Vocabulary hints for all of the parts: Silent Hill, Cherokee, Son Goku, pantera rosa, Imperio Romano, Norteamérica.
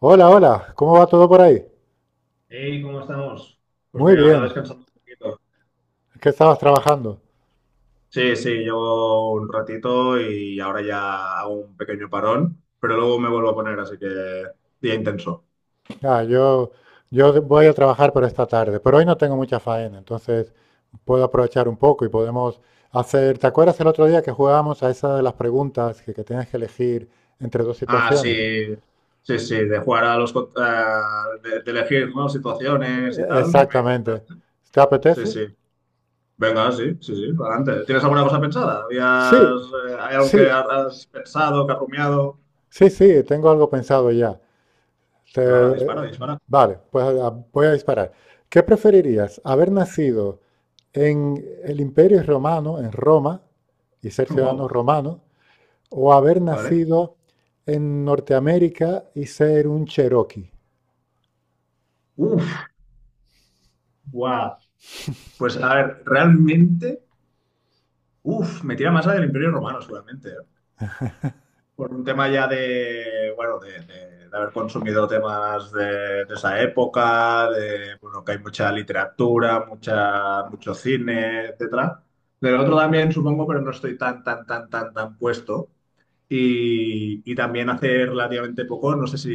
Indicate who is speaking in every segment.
Speaker 1: Hola, hola, ¿cómo va todo por ahí?
Speaker 2: Hey, ¿cómo estamos? Pues
Speaker 1: Muy
Speaker 2: mira, ahora
Speaker 1: bien.
Speaker 2: descansando un poquito.
Speaker 1: ¿Qué estabas trabajando?
Speaker 2: Sí, sí, llevo un ratito y ahora ya hago un pequeño parón, pero luego me vuelvo a poner, así que día intenso.
Speaker 1: Ah, yo, yo voy a trabajar por esta tarde, pero hoy no tengo mucha faena, entonces puedo aprovechar un poco y podemos hacer. ¿Te acuerdas el otro día que jugábamos a esa de las preguntas que tienes que elegir entre dos
Speaker 2: Ah,
Speaker 1: situaciones?
Speaker 2: sí, sí, sí, de jugar a los... de elegir, ¿no? Situaciones y
Speaker 1: E-
Speaker 2: tal, que me
Speaker 1: Exactamente.
Speaker 2: comentaste.
Speaker 1: ¿Te
Speaker 2: Sí,
Speaker 1: apetece?
Speaker 2: sí. Venga, sí, sí, sí, adelante. ¿Tienes alguna cosa pensada?
Speaker 1: Sí,
Speaker 2: ¿Hay algo que
Speaker 1: sí,
Speaker 2: has pensado, que has rumiado?
Speaker 1: sí, tengo algo pensado ya.
Speaker 2: Pues ahora, dispara,
Speaker 1: Te-
Speaker 2: dispara.
Speaker 1: vale, pues voy a disparar. ¿Qué preferirías? ¿Haber nacido en el Imperio Romano, en Roma, y ser ciudadano
Speaker 2: Wow,
Speaker 1: romano, o haber
Speaker 2: vale.
Speaker 1: nacido en Norteamérica y ser un Cherokee?
Speaker 2: Uf, wow. Pues a ver, realmente... Uf, me tira más la del Imperio Romano, seguramente, ¿eh? Por un tema ya de, bueno, de haber consumido temas de esa época, de, bueno, que hay mucha literatura, mucha, mucho cine, etcétera. Del otro también, supongo, pero no estoy tan puesto. Y también hace relativamente poco, no sé si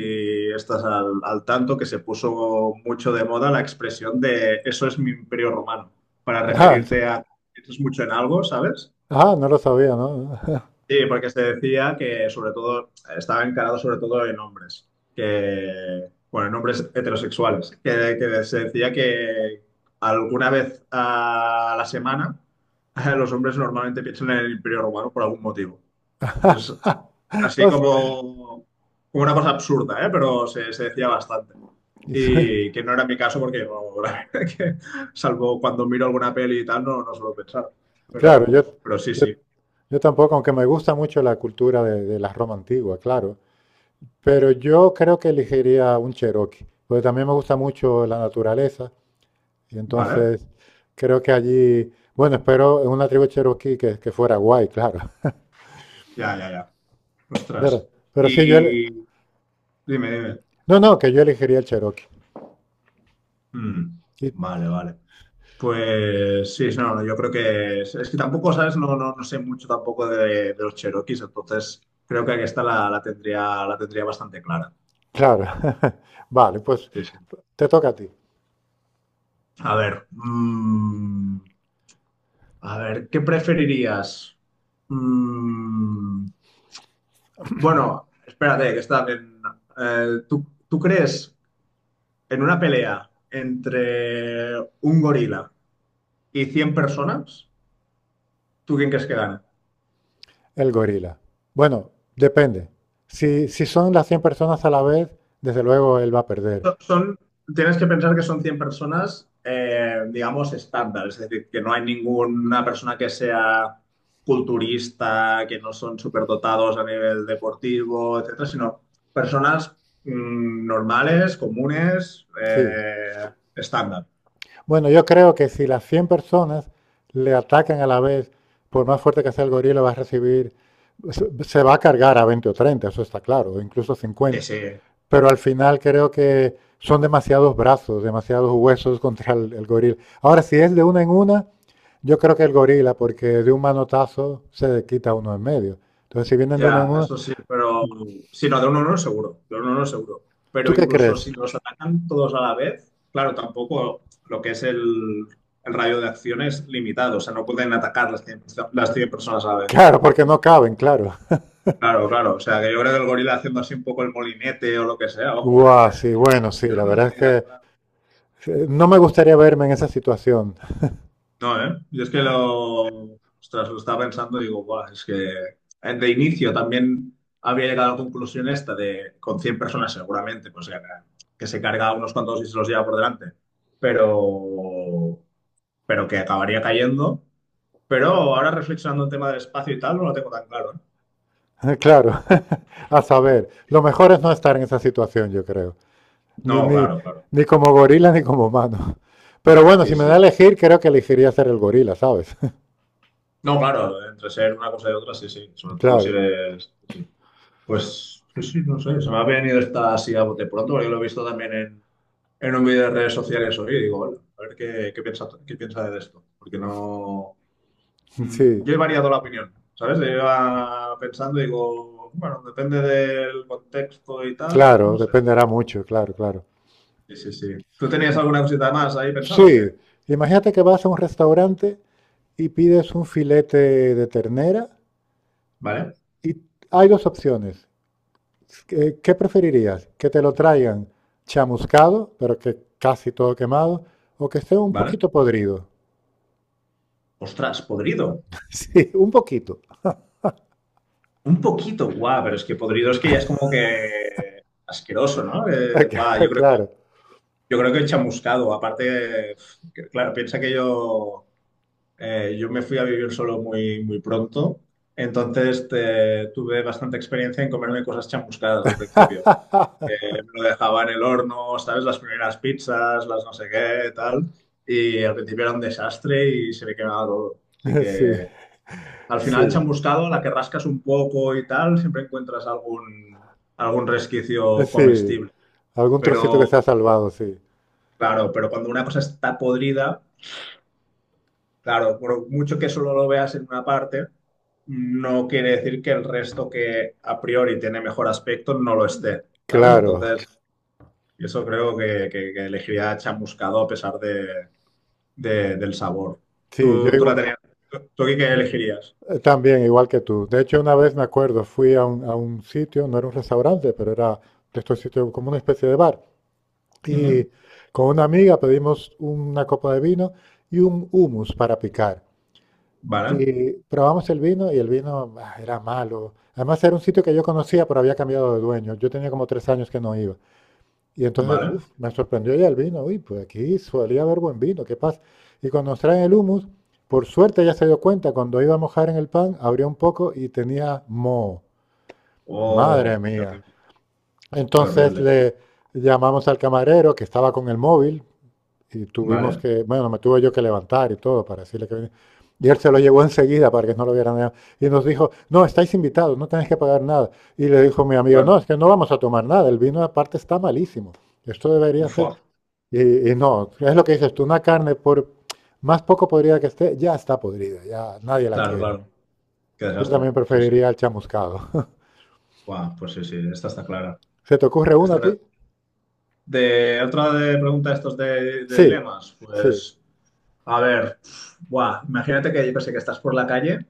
Speaker 2: estás al, al tanto, que se puso mucho de moda la expresión de eso es mi imperio romano, para
Speaker 1: Ah, no,
Speaker 2: referirte a que piensas mucho en algo, ¿sabes?
Speaker 1: ah, no lo sabía, ¿no?
Speaker 2: Sí, porque se decía que sobre todo estaba encarado sobre todo en hombres, que, bueno, en hombres heterosexuales, que se decía que alguna vez a la semana los hombres normalmente piensan en el Imperio Romano por algún motivo. Es así
Speaker 1: O sea,
Speaker 2: como, como una cosa absurda, ¿eh? Pero se decía bastante. Y que no era mi caso porque, la verdad que, salvo cuando miro alguna peli y tal, no, no suelo pensar.
Speaker 1: claro,
Speaker 2: Pero sí,
Speaker 1: yo,
Speaker 2: sí,
Speaker 1: yo tampoco, aunque me gusta mucho la cultura de la Roma antigua, claro, pero yo creo que elegiría un Cherokee, porque también me gusta mucho la naturaleza. Y
Speaker 2: ¿vale?
Speaker 1: entonces creo que allí, bueno, espero en una tribu cherokee que fuera guay, claro.
Speaker 2: Ya, ya, ya. Ostras.
Speaker 1: Pero sí, yo, ele-
Speaker 2: Y dime, dime.
Speaker 1: no, no, que yo elegiría el cherokee.
Speaker 2: Mm,
Speaker 1: Y,
Speaker 2: vale, vale. Pues sí, no, no, yo creo que es que tampoco, ¿sabes? No, no, no sé mucho tampoco de, de los Cherokees, entonces creo que esta la, la tendría bastante clara.
Speaker 1: claro, vale, pues
Speaker 2: Sí, sí.
Speaker 1: te toca a ti,
Speaker 2: A ver, a ver, ¿qué preferirías? Mm, bueno, espérate, que está bien. ¿Tú, tú crees en una pelea entre un gorila y 100 personas? ¿Tú quién crees que gana?
Speaker 1: el gorila. Bueno, depende. Si son las 100 personas a la vez, desde luego él va a perder.
Speaker 2: Son, tienes que pensar que son 100 personas, digamos, estándar, es decir, que no hay ninguna persona que sea culturista, que no son superdotados a nivel deportivo, etcétera, sino personas normales, comunes,
Speaker 1: Sí.
Speaker 2: estándar,
Speaker 1: Bueno, yo creo que si las 100 personas le atacan a la vez, por más fuerte que sea el gorila, va a recibir, se va a cargar a 20 o 30, eso está claro, o incluso
Speaker 2: que
Speaker 1: 50,
Speaker 2: se.
Speaker 1: pero al final creo que son demasiados brazos, demasiados huesos contra el goril. Ahora, si es de una en una, yo creo que el gorila, porque de un manotazo se quita uno en medio. Entonces, si vienen de una en
Speaker 2: Ya,
Speaker 1: una,
Speaker 2: eso sí, pero sí, no, de uno no seguro, de uno no seguro.
Speaker 1: ¿tú
Speaker 2: Pero
Speaker 1: qué
Speaker 2: incluso
Speaker 1: crees?
Speaker 2: si los atacan todos a la vez, claro, tampoco lo que es el radio de acción es limitado, o sea, no pueden atacar las 100, las 100 personas a la vez.
Speaker 1: Claro, porque no caben, claro.
Speaker 2: Claro, claro, o sea, que yo creo que el gorila haciendo así un poco el molinete o lo que sea, ojo,
Speaker 1: Guau, sí,
Speaker 2: que yo,
Speaker 1: bueno, sí,
Speaker 2: yo
Speaker 1: la
Speaker 2: no lo
Speaker 1: verdad es
Speaker 2: tenía tan
Speaker 1: que
Speaker 2: claro.
Speaker 1: no me gustaría verme en esa situación.
Speaker 2: No, ¿eh? Yo es que lo, ostras, lo estaba pensando y digo, "Buah, es que de inicio también había llegado a la conclusión esta de con 100 personas seguramente, pues que se carga a unos cuantos y se los lleva por delante, pero, pero que acabaría cayendo. Pero ahora reflexionando en tema del espacio y tal, no lo tengo tan claro, ¿eh?
Speaker 1: Claro, a saber, lo mejor es no estar en esa situación, yo creo. Ni,
Speaker 2: No,
Speaker 1: ni,
Speaker 2: claro, claro.
Speaker 1: ni como gorila ni como humano. Pero bueno,
Speaker 2: Sí,
Speaker 1: si me da
Speaker 2: sí,
Speaker 1: a
Speaker 2: sí.
Speaker 1: elegir, creo que elegiría ser el gorila, ¿sabes?
Speaker 2: No, claro, entre ser una cosa y otra, sí, sí. Sobre todo si
Speaker 1: Claro,
Speaker 2: eres... sí, sí. Pues sí, sí, no sé, se me ha venido esta así a bote pronto, porque lo he visto también en un vídeo de redes sociales hoy y digo, bueno, a ver qué, qué piensa de esto, porque no...
Speaker 1: sí,
Speaker 2: yo he variado la opinión, ¿sabes? Yo iba pensando y digo, bueno, depende del contexto y tal, pues,
Speaker 1: claro,
Speaker 2: no sé.
Speaker 1: dependerá mucho, claro, claro.
Speaker 2: Sí, sí, sí. ¿Tú tenías alguna cosita más ahí pensado
Speaker 1: Sí,
Speaker 2: o qué?
Speaker 1: imagínate que vas a un restaurante y pides un filete de ternera
Speaker 2: ¿Vale?
Speaker 1: y hay dos opciones. ¿Qué, qué preferirías? ¿Que te lo traigan chamuscado, pero que casi todo quemado, o que esté un
Speaker 2: ¿Vale?
Speaker 1: poquito podrido?
Speaker 2: Ostras, podrido.
Speaker 1: Sí, un poquito.
Speaker 2: Un poquito, guau, pero es que podrido es que ya es como que asqueroso, ¿no? Guau, yo creo.
Speaker 1: Claro.
Speaker 2: Yo creo que he chamuscado. Aparte, que, claro, piensa que yo, yo me fui a vivir solo muy, muy pronto. Entonces tuve bastante experiencia en comerme cosas chamuscadas al principio. Que me lo dejaba en el horno, ¿sabes? Las primeras pizzas, las no sé qué, tal. Y al principio era un desastre y se me quemaba todo. Así
Speaker 1: Sí.
Speaker 2: que al final,
Speaker 1: Sí,
Speaker 2: chamuscado, a la que rascas un poco y tal, siempre encuentras algún, algún resquicio
Speaker 1: sí,
Speaker 2: comestible.
Speaker 1: algún trocito que se ha
Speaker 2: Pero,
Speaker 1: salvado, sí.
Speaker 2: claro, pero cuando una cosa está podrida. Claro, por mucho que solo lo veas en una parte, no quiere decir que el resto que a priori tiene mejor aspecto no lo esté, ¿sabes?
Speaker 1: Claro,
Speaker 2: Entonces, eso creo que, que elegiría chamuscado a pesar de, del sabor.
Speaker 1: sí,
Speaker 2: ¿Tú, tú la tenías? ¿Tú qué qué elegirías?
Speaker 1: también, igual que tú. De hecho, una vez me acuerdo, fui a un sitio, no era un restaurante, pero era de estos sitios como una especie de bar. Y
Speaker 2: Ujú.
Speaker 1: con una amiga pedimos una copa de vino y un hummus para picar.
Speaker 2: Vale,
Speaker 1: Y probamos el vino y el vino era malo. Además, era un sitio que yo conocía, pero había cambiado de dueño. Yo tenía como 3 años que no iba. Y entonces,
Speaker 2: vale.
Speaker 1: uf, me sorprendió ya el vino. Uy, pues aquí solía haber buen vino, qué pasa. Y cuando nos traen el humus, por suerte ya se dio cuenta, cuando iba a mojar en el pan, abrió un poco y tenía moho. Madre
Speaker 2: Oh, qué
Speaker 1: mía.
Speaker 2: horrible, qué
Speaker 1: Entonces
Speaker 2: horrible.
Speaker 1: le llamamos al camarero que estaba con el móvil y tuvimos
Speaker 2: Vale.
Speaker 1: que, bueno, me tuve yo que levantar y todo para decirle que venía. Y él se lo llevó enseguida para que no lo vieran, nada. Y nos dijo, no, estáis invitados, no tenéis que pagar nada. Y le dijo mi amigo,
Speaker 2: Bueno,
Speaker 1: no, es que no vamos a tomar nada, el vino aparte está malísimo. Esto debería ser...
Speaker 2: fua.
Speaker 1: Y, y no, es lo que dices tú, una carne por más poco podrida que esté, ya está podrida, ya nadie la
Speaker 2: Claro,
Speaker 1: quiere.
Speaker 2: claro. Qué
Speaker 1: Yo
Speaker 2: desastre.
Speaker 1: también
Speaker 2: Sí, sí.
Speaker 1: preferiría el chamuscado.
Speaker 2: Buah, pues sí, sí, esta está clara.
Speaker 1: ¿Se te ocurre una a
Speaker 2: Esta,
Speaker 1: ti?
Speaker 2: de otra de pregunta estos de
Speaker 1: Sí,
Speaker 2: dilemas,
Speaker 1: sí,
Speaker 2: pues a ver, buah, imagínate que yo que sé que estás por la calle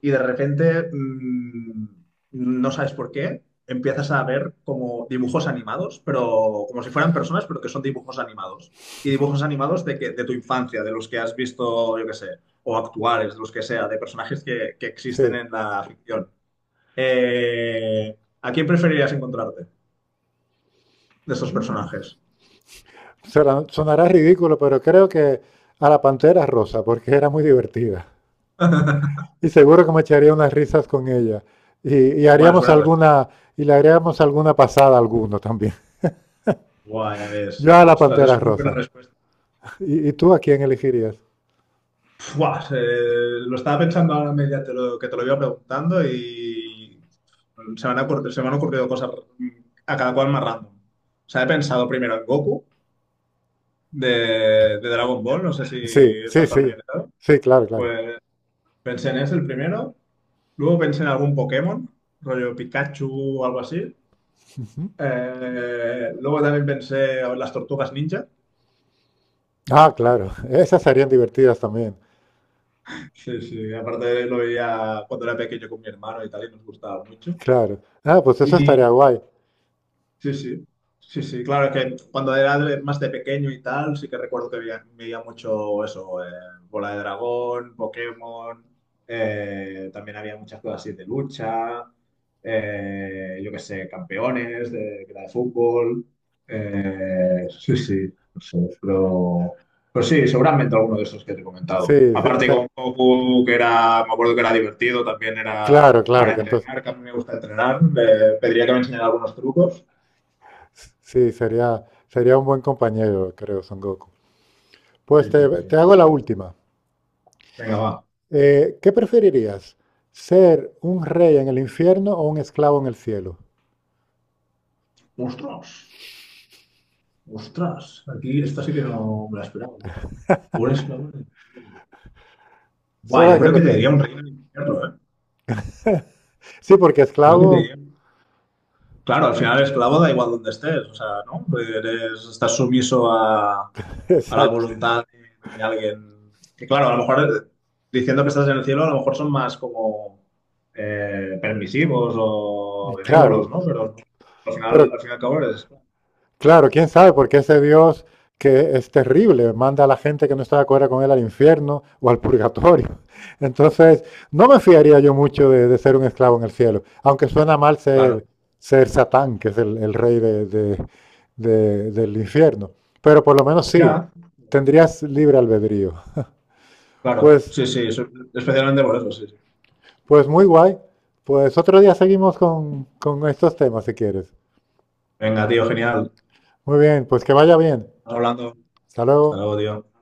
Speaker 2: y de repente no sabes por qué, empiezas a ver como dibujos animados, pero como si fueran personas, pero que son dibujos animados. Y dibujos animados de que, de tu infancia, de los que has visto, yo que sé, o actuales, de los que sea, de personajes que existen
Speaker 1: sí.
Speaker 2: en la ficción. ¿A quién preferirías encontrarte de estos
Speaker 1: Mm,
Speaker 2: personajes?
Speaker 1: sonará ridículo, pero creo que a la pantera rosa, porque era muy divertida. Y seguro que me echaría unas risas con ella. Y, y
Speaker 2: Bueno, es
Speaker 1: haríamos
Speaker 2: buena respuesta.
Speaker 1: alguna, y le haríamos alguna pasada a alguno también.
Speaker 2: Buah, ya ves.
Speaker 1: Yo a la
Speaker 2: Ostras,
Speaker 1: pantera
Speaker 2: es muy buena
Speaker 1: rosa.
Speaker 2: respuesta.
Speaker 1: Y tú a quién elegirías?
Speaker 2: Buah, lo estaba pensando ahora media que te lo iba preguntando y se me han ocurrido, se me han ocurrido cosas a cada cual más random. O sea, he pensado primero en Goku de, de Dragon Ball, no sé si
Speaker 1: Sí, sí,
Speaker 2: estás
Speaker 1: sí.
Speaker 2: familiarizado.
Speaker 1: Sí, claro, claro.
Speaker 2: Pues pensé en ese el primero, luego pensé en algún Pokémon, rollo Pikachu o algo así. Luego también pensé en las tortugas ninja.
Speaker 1: Ah, claro, esas serían divertidas también,
Speaker 2: Sí, sí, aparte lo veía cuando era pequeño con mi hermano y tal, y nos gustaba mucho.
Speaker 1: claro. Ah, pues eso estaría
Speaker 2: Y
Speaker 1: guay.
Speaker 2: sí, sí, sí, sí, claro, es que cuando era más de pequeño y tal, sí que recuerdo que veía, veía mucho eso, Bola de Dragón, Pokémon, también había muchas cosas así de lucha, yo qué sé, campeones de, que era de fútbol, sí, sí, no sé, pero sí, seguramente alguno de esos que te he comentado.
Speaker 1: Sí,
Speaker 2: Aparte con Goku, que era, me acuerdo que era divertido, también era
Speaker 1: claro, claro,
Speaker 2: para
Speaker 1: que entonces,
Speaker 2: entrenar, que a mí me gusta entrenar, pediría que me enseñara algunos trucos.
Speaker 1: sí, sería un buen compañero, creo, Son Goku.
Speaker 2: Sí,
Speaker 1: Pues
Speaker 2: sí,
Speaker 1: te
Speaker 2: sí.
Speaker 1: hago la última.
Speaker 2: Venga, va.
Speaker 1: ¿Qué preferirías? ¿Ser un rey en el infierno o un esclavo en el cielo?
Speaker 2: ¡Ostras! ¡Ostras! Aquí esta sí que no me la esperaba. Un esclavo. Guau,
Speaker 1: Solo
Speaker 2: yo
Speaker 1: hay que
Speaker 2: creo que te
Speaker 1: pensar.
Speaker 2: diría un reino del infierno, ¿eh?
Speaker 1: Sí, porque
Speaker 2: Creo que te
Speaker 1: esclavo,
Speaker 2: diría. Claro, al final esclavo da igual donde estés, o sea, ¿no? Estás sumiso a la
Speaker 1: exacto,
Speaker 2: voluntad de alguien. Que claro, a lo mejor diciendo que estás en el cielo, a lo mejor son más como permisivos o
Speaker 1: y
Speaker 2: benévolos,
Speaker 1: claro,
Speaker 2: ¿no? Pero al
Speaker 1: pero
Speaker 2: final, al fin y al cabo eres esclavo.
Speaker 1: claro, quién sabe, porque ese Dios que es terrible, manda a la gente que no está de acuerdo con él al infierno o al purgatorio. Entonces, no me fiaría yo mucho de ser un esclavo en el cielo, aunque suena mal
Speaker 2: Claro.
Speaker 1: ser, ser Satán, que es el rey del infierno. Pero por lo menos sí,
Speaker 2: Ya.
Speaker 1: tendrías libre albedrío.
Speaker 2: Claro,
Speaker 1: Pues,
Speaker 2: sí, sí, eso, especialmente por eso, sí, sí.
Speaker 1: pues muy guay. Pues otro día seguimos con estos temas si quieres.
Speaker 2: Venga, tío, genial.
Speaker 1: Muy bien, pues que vaya bien.
Speaker 2: Estamos hablando.
Speaker 1: Hasta
Speaker 2: Hasta
Speaker 1: luego.
Speaker 2: luego, tío.